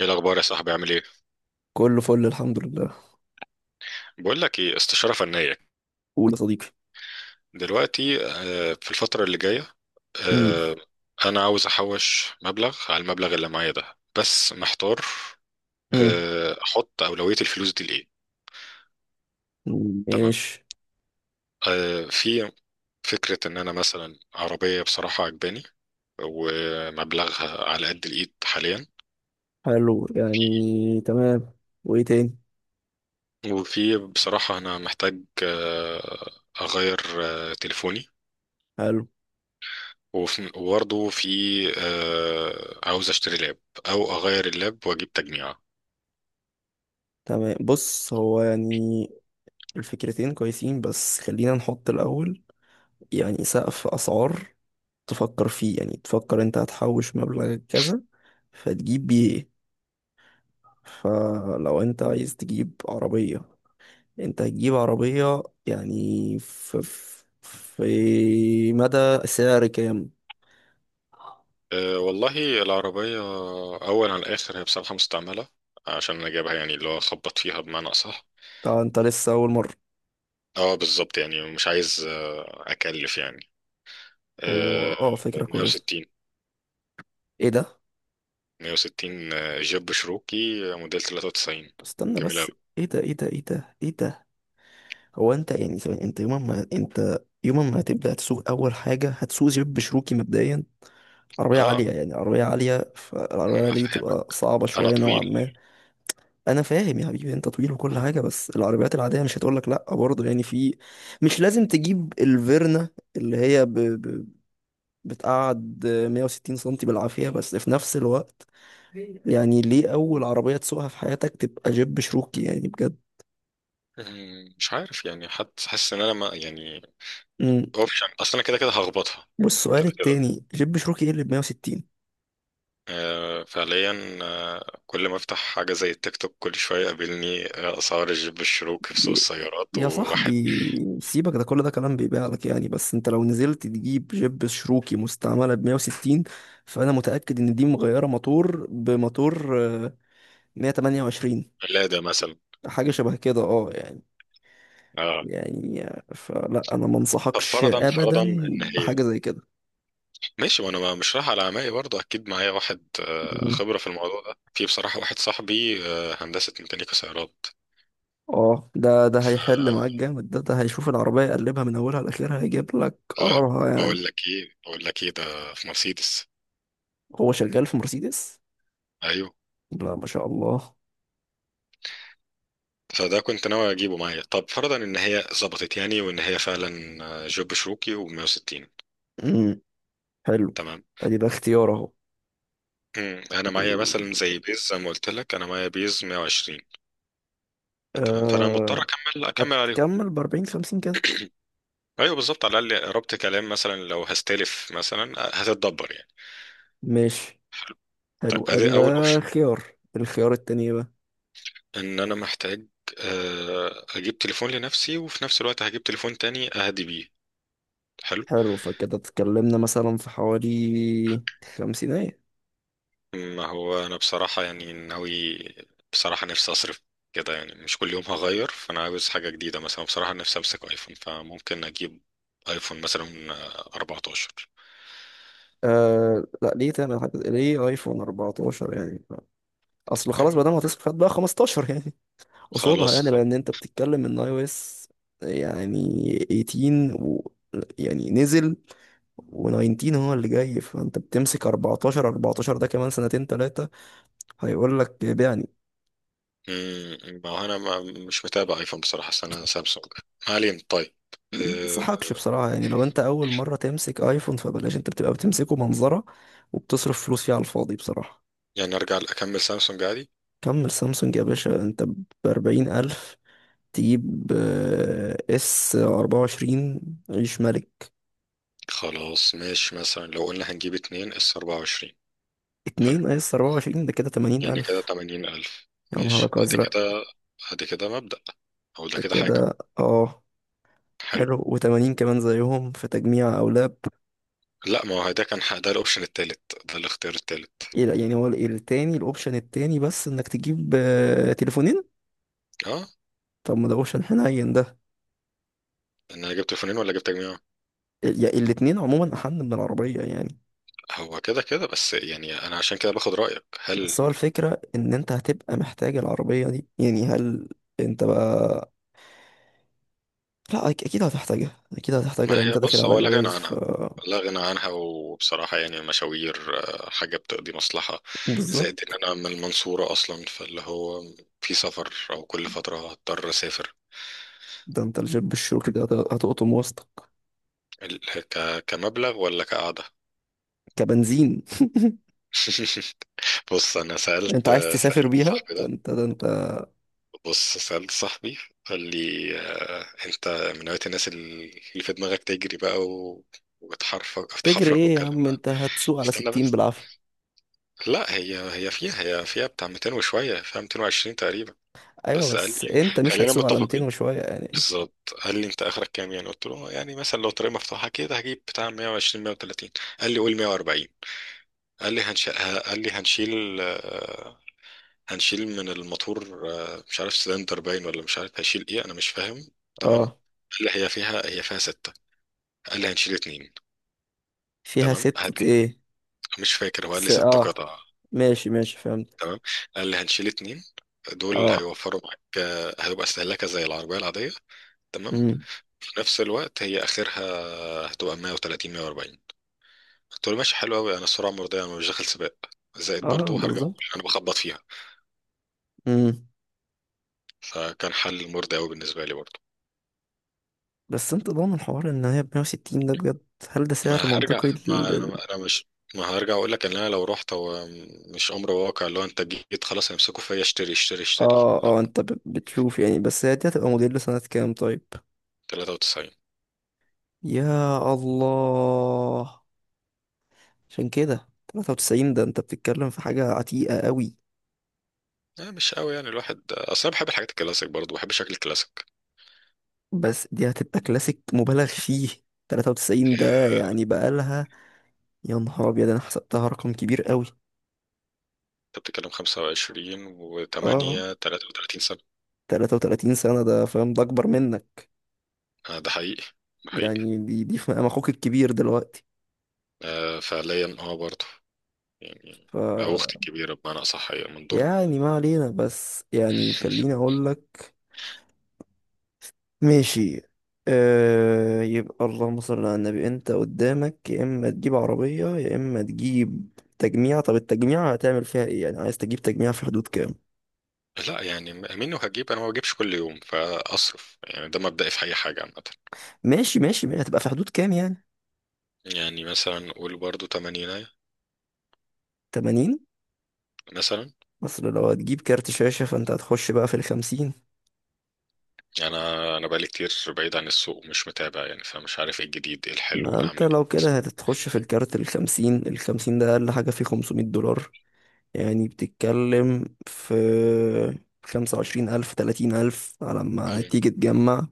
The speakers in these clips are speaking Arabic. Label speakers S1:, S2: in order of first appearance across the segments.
S1: ايه الاخبار يا صاحبي؟ عامل ايه؟
S2: كله فل الحمد لله.
S1: بقول لك ايه؟ استشاره فنيه.
S2: قول يا صديقي.
S1: دلوقتي، في الفتره اللي جايه،
S2: امم.
S1: آه، انا عاوز احوش مبلغ على المبلغ اللي معايا ده، بس محتار.
S2: امم.
S1: احط اولويه الفلوس دي لايه؟ تمام.
S2: ماشي.
S1: في فكره ان انا مثلا عربيه بصراحه عجباني، ومبلغها على قد الايد حاليا.
S2: حلو، يعني تمام. وايه تاني؟
S1: وفي بصراحه انا محتاج اغير تليفوني.
S2: حلو.
S1: وبرضه في عاوز اشتري لاب، او اغير اللاب واجيب تجميعة.
S2: تمام، بص هو يعني الفكرتين كويسين، بس خلينا نحط الاول يعني سقف اسعار تفكر فيه، يعني تفكر انت هتحوش مبلغ كذا فتجيب بيه ايه؟ فلو انت عايز تجيب عربية، انت هتجيب عربية يعني في في مدى سعر كام؟
S1: والله العربية اول على الاخر هي بصراحة مستعملة، عشان انا جايبها يعني اللي هو خبط فيها بمعنى اصح.
S2: طبعا انت لسه اول مرة.
S1: اه، بالظبط. يعني مش عايز اكلف يعني. آه،
S2: فكرة كويسة.
S1: 160
S2: ايه ده؟
S1: 160، جيب شروكي، موديل 93.
S2: استنى
S1: جميل أوي.
S2: بس. ايه ده ايه ده ايه ده ايه ده؟ هو انت يعني ثواني، انت يوم ما هتبدأ تسوق اول حاجة هتسوق جيب بشروكي مبدئيا؟ عربية عالية
S1: اه،
S2: يعني عربية عالية، فالعربية
S1: ما
S2: العالية دي
S1: فهمك.
S2: تبقى صعبة
S1: انا
S2: شوية نوعا
S1: طويل.
S2: ما. أنا فاهم يا حبيبي، أنت طويل وكل حاجة، بس العربيات العادية مش هتقولك لأ برضه، يعني في. مش لازم تجيب الفيرنا اللي هي بتقعد 160 سنتي بالعافية، بس في نفس الوقت يعني ليه أول عربية تسوقها في حياتك تبقى جيب شروكي يعني بجد؟
S1: مش عارف يعني، حد حاسس ان انا، ما يعني،
S2: امم.
S1: اوبشن. اصل انا كده كده هخبطها
S2: والسؤال
S1: كده.
S2: التاني، جيب شروكي ايه اللي ب 160؟
S1: فعليا، كل ما افتح حاجة زي التيك توك كل شوية يقابلني أسعار الجيب الشروكي في سوق
S2: ي-
S1: السيارات،
S2: يا
S1: وواحد
S2: صاحبي سيبك ده، كل ده كلام بيبيع لك يعني. بس انت لو نزلت تجيب جيب شروكي مستعملة ب 160 فأنا متأكد إن دي مغيرة موتور بموتور، 128،
S1: قلادة مثلا.
S2: حاجة شبه كده اه يعني
S1: اه.
S2: يعني فلا أنا ما
S1: طب
S2: انصحكش
S1: فرضا،
S2: أبدا
S1: إن هي
S2: بحاجة زي كده.
S1: ماشي. وأنا مش رايح على عمائي برضه، أكيد معايا واحد خبرة في الموضوع ده. في بصراحة واحد صاحبي هندسة ميكانيكا سيارات.
S2: اه، ده هيحل
S1: آه،
S2: معاك جامد، ده هيشوف العربية يقلبها من أولها لآخرها، هيجيب لك
S1: لا،
S2: قرارها يعني.
S1: بقول لك إيه؟ ده في مرسيدس.
S2: هو شغال في مرسيدس؟
S1: أيوه.
S2: لا ما شاء الله.
S1: فده كنت ناوي أجيبه معايا. طب فرضا إن هي ظبطت يعني، وإن هي فعلا جيب شروكي و160.
S2: امم. حلو.
S1: تمام.
S2: ادي ده اختيار اهو.
S1: مم. انا معايا مثلا زي بيز، زي ما قلت لك، انا معايا بيز 120. تمام. فانا مضطر
S2: أه.
S1: اكمل عليهم.
S2: هتكمل بأربعين خمسين كده.
S1: ايوه بالظبط، على الاقل ربط كلام، مثلا لو هستلف مثلا هتتدبر يعني.
S2: ماشي.
S1: طيب،
S2: حلو ادي
S1: ادي
S2: ده
S1: اول اوبشن.
S2: خيار. الخيار التاني بقى.
S1: ان انا محتاج اجيب تليفون لنفسي، وفي نفس الوقت هجيب تليفون تاني اهدي بيه. حلو.
S2: حلو، فكده اتكلمنا مثلا في حوالي خمسينية.
S1: ما هو انا بصراحة يعني ناوي، بصراحة نفسي اصرف كده. يعني مش كل يوم هغير، فانا عاوز حاجة جديدة مثلا. بصراحة نفسي امسك ايفون، فممكن اجيب ايفون مثلا 14.
S2: أه لا، ليه تعمل حاجة؟ ليه ايفون 14 يعني؟ اصل خلاص ما دام هتصرف هات بقى 15 يعني اصولها،
S1: خلاص،
S2: يعني
S1: طب.
S2: لان انت بتتكلم ان اي او اس يعني 18 و... يعني نزل و19 هو اللي جاي، فانت بتمسك 14، 14 ده كمان سنتين ثلاثه هيقول لك بيعني.
S1: ما هو انا، ما، مش متابع ايفون بصراحه، بس انا سامسونج. ما علينا، طيب.
S2: ما
S1: أه.
S2: انصحكش بصراحه يعني، لو انت اول مره تمسك ايفون فبلاش. انت بتبقى بتمسكه منظره وبتصرف فلوس فيه على الفاضي بصراحه.
S1: يعني ارجع اكمل سامسونج عادي.
S2: كمل سامسونج يا باشا، انت ب 40,000 تجيب اس 24، عيش ملك.
S1: خلاص ماشي، مثلا لو قلنا هنجيب اتنين اس 24. حلو.
S2: اتنين اس 24 ده كده
S1: يعني كده
S2: 80,000.
S1: 80000.
S2: يا
S1: ماشي،
S2: نهارك
S1: ادي
S2: ازرق.
S1: كده. ادي كده مبدأ، او ده
S2: ده
S1: كده حاجه.
S2: كده اه.
S1: حلو.
S2: حلو، و80 كمان زيهم في تجميع او لاب.
S1: لا، ما هو ده كان ده الاوبشن التالت، ده الاختيار التالت.
S2: إيه لا، يعني هو التاني، الاوبشن التاني بس انك تجيب تليفونين.
S1: اه.
S2: طب ما ده اوبشن حنين ده.
S1: ان انا جبت تليفونين ولا جبت تجميع؟
S2: الاتنين عموما احن من العربية يعني.
S1: هو كده كده، بس يعني انا عشان كده باخد رأيك،
S2: بس
S1: هل،
S2: هو الفكرة ان انت هتبقى محتاج العربية دي يعني، هل انت بقى... لا اكيد هتحتاجها، اكيد هتحتاجها لان
S1: ما هي
S2: انت داخل
S1: بص
S2: على
S1: هو لا غنى
S2: جواز ف...
S1: عنها. لا غنى عنها. وبصراحة يعني المشاوير حاجة بتقضي مصلحة. زائد إن
S2: بالظبط.
S1: أنا من المنصورة أصلا، فاللي هو في سفر أو كل فترة هضطر أسافر.
S2: ده انت الجيب الشروكي ده هتقطم وسطك.
S1: ال- كمبلغ ولا كقعدة؟
S2: كبنزين.
S1: بص أنا سألت،
S2: انت عايز تسافر
S1: سألت
S2: بيها؟
S1: صاحبي
S2: ده
S1: ده،
S2: انت ده انت.
S1: بص سألت صاحبي، قال لي أنت من نوعية الناس اللي في دماغك تجري بقى، وتحرفك
S2: تجري
S1: تحفرك
S2: ايه يا
S1: والكلام
S2: عم؟
S1: ده.
S2: انت هتسوق على
S1: استنى
S2: 60
S1: بس.
S2: بالعافية.
S1: لا، هي فيها بتاع 200 وشوية، فيها 220 تقريبا.
S2: ايوه
S1: بس قال
S2: بس
S1: لي،
S2: انت مش
S1: خلينا
S2: هتسوق على 200
S1: متفقين.
S2: وشوية يعني.
S1: بالظبط. قال لي انت اخرك كام؟ يعني قلت له يعني مثلا لو طريق مفتوحة كده هجيب بتاع 120، 130. قال لي قول 140. قال لي قال لي هنشيل، هنشيل من الموتور مش عارف سلندر باين، ولا مش عارف هشيل ايه، انا مش فاهم. تمام.
S2: اه.
S1: قال لي هي فيها ستة. قال لي هنشيل اتنين.
S2: فيها
S1: تمام.
S2: ستة ايه؟
S1: مش فاكر، هو قال لي ست
S2: اه،
S1: قطع.
S2: ماشي ماشي فهمت.
S1: تمام. انا اللي هنشيل اتنين دول
S2: اه.
S1: هيوفروا معاك، هيبقى استهلاكها زي العربية العادية. تمام.
S2: امم.
S1: في نفس الوقت هي آخرها هتبقى 130، 140. قلت له ماشي، حلو أوي. أنا السرعة مرضية، أنا مش داخل سباق. زائد
S2: اه
S1: برضو هرجع،
S2: بالظبط.
S1: أنا بخبط فيها.
S2: امم.
S1: فكان حل مرضي أوي بالنسبة لي برضو.
S2: بس انت ضامن حوار ان هي ب 160 ده بجد؟ هل ده
S1: ما
S2: سعر
S1: هرجع.
S2: منطقي
S1: ما أنا أنا مش، ما هرجع أقول لك، إن أنا لو رحت، هو مش أمر واقع اللي هو أنت جيت خلاص هيمسكوا فيا اشتري اشتري اشتري،
S2: اه
S1: لا.
S2: اه، انت بتشوف يعني، بس هي دي هتبقى موديل سنة كام طيب؟
S1: 93.
S2: يا الله. عشان كده 93 ده، انت بتتكلم في حاجة عتيقة قوي.
S1: لا مش قوي يعني، الواحد اصلا بحب الحاجات الكلاسيك، برضو بحب شكل الكلاسيك.
S2: بس دي هتبقى كلاسيك مبالغ فيه. 93 ده يعني بقالها. يا نهار ابيض، انا حسبتها رقم كبير قوي.
S1: انت بتتكلم 25
S2: اه.
S1: و8، 33 سنة.
S2: 33 سنة، ده فاهم؟ ده اكبر منك.
S1: آه، ده حقيقي، ده حقيقي.
S2: يعني دي في مقام اخوك الكبير دلوقتي
S1: آه فعليا، اه برضه يعني،
S2: ف...
S1: او اختي الكبيرة بمعنى اصح، هي من دور.
S2: يعني ما علينا، بس يعني خليني اقول لك. ماشي. آه يبقى اللهم صل على النبي، انت قدامك يا اما تجيب عربية يا اما تجيب تجميع. طب التجميع هتعمل فيها ايه يعني؟ عايز تجيب تجميع في حدود كام؟
S1: لا يعني، منه هجيب، انا ما بجيبش كل يوم فاصرف يعني، ده مبدئي في اي حاجة عامة.
S2: ماشي ماشي ماشي، هتبقى في حدود كام يعني؟
S1: يعني مثلا قول برضه 80
S2: 80؟
S1: مثلا.
S2: اصل لو هتجيب كارت شاشة فانت هتخش بقى في الخمسين.
S1: انا بقالي كتير بعيد عن السوق، مش متابع يعني، فمش عارف ايه الجديد ايه الحلو
S2: ما انت
S1: اعمل.
S2: لو كده هتتخش في الكارت، الخمسين الخمسين ده اقل حاجة فيه 500 دولار. يعني بتتكلم في 25 ألف 30 ألف على ما
S1: إيه. مم.
S2: تيجي تجمع،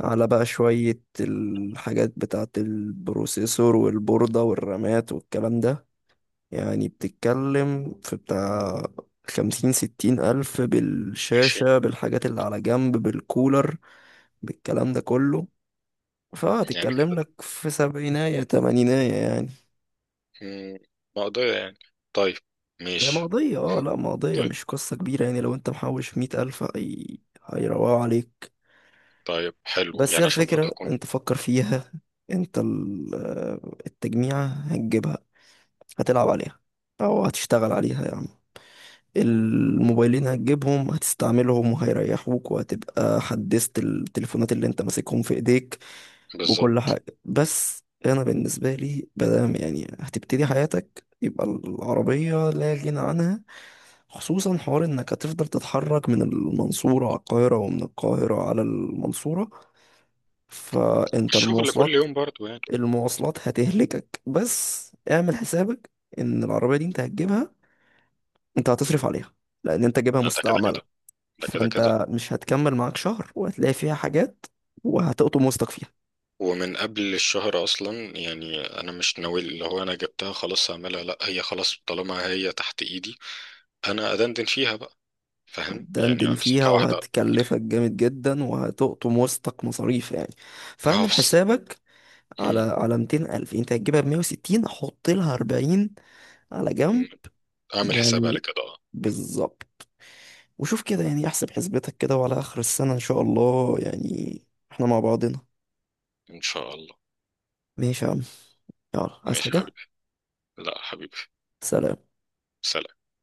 S2: على بقى شوية الحاجات بتاعة البروسيسور والبوردة والرامات والكلام ده. يعني بتتكلم في بتاع خمسين ستين ألف
S1: ماشي.
S2: بالشاشة، بالحاجات اللي على جنب، بالكولر، بالكلام ده كله.
S1: يعني
S2: فهتتكلم
S1: كده.
S2: لك في سبعيناية تمانيناية يعني.
S1: مم، مقدرة يعني. طيب.
S2: هي
S1: ماشي.
S2: مقضية، اه لا مقضية،
S1: طيب.
S2: مش قصة كبيرة يعني. لو انت محوش 100 ألف هيروقوا عليك.
S1: طيب حلو
S2: بس هي
S1: يعني، عشان برضه
S2: الفكرة،
S1: أكون،
S2: انت فكر فيها. انت التجميعة هتجيبها، هتلعب عليها أو هتشتغل عليها يعني. الموبايلين هتجيبهم هتستعملهم وهيريحوك وهتبقى حدثت التليفونات اللي انت ماسكهم في ايديك وكل
S1: بالظبط.
S2: حاجة. بس انا بالنسبة لي، بدام يعني هتبتدي حياتك، يبقى العربية لا غنى عنها، خصوصا حوار انك هتفضل تتحرك من المنصورة على القاهرة ومن القاهرة على المنصورة، فانت
S1: والشغل كل
S2: المواصلات.
S1: يوم برضه يعني.
S2: المواصلات هتهلكك، بس اعمل حسابك ان العربية دي انت هتجيبها، انت هتصرف عليها لان انت جايبها
S1: ده كده
S2: مستعملة.
S1: كده. ده كده كده.
S2: فانت مش هتكمل معاك شهر وهتلاقي فيها حاجات وهتقطم وسطك فيها.
S1: ومن قبل الشهر أصلا. يعني أنا مش ناوي اللي هو أنا جبتها خلاص هعملها. لأ، هي خلاص طالما هي تحت إيدي، أنا أدندن فيها بقى. فاهم يعني،
S2: هتدندن فيها
S1: أمسكها واحدة.
S2: وهتكلفك جامد جدا وهتقطم وسطك مصاريف يعني،
S1: ما هو
S2: فاعمل
S1: بس...
S2: حسابك على
S1: مم،
S2: على 200 ألف، انت هتجيبها ب 160 حط لها 40 على جنب
S1: مم، أعمل حساب على
S2: يعني.
S1: كده، أه.
S2: بالظبط. وشوف كده يعني، احسب حسبتك كده وعلى آخر السنة إن شاء الله يعني احنا مع بعضنا.
S1: إن شاء الله.
S2: ماشي يا عم. يلا عايز
S1: ماشي يا
S2: حاجة؟
S1: حبيبي. لأ حبيبي.
S2: سلام.
S1: سلام.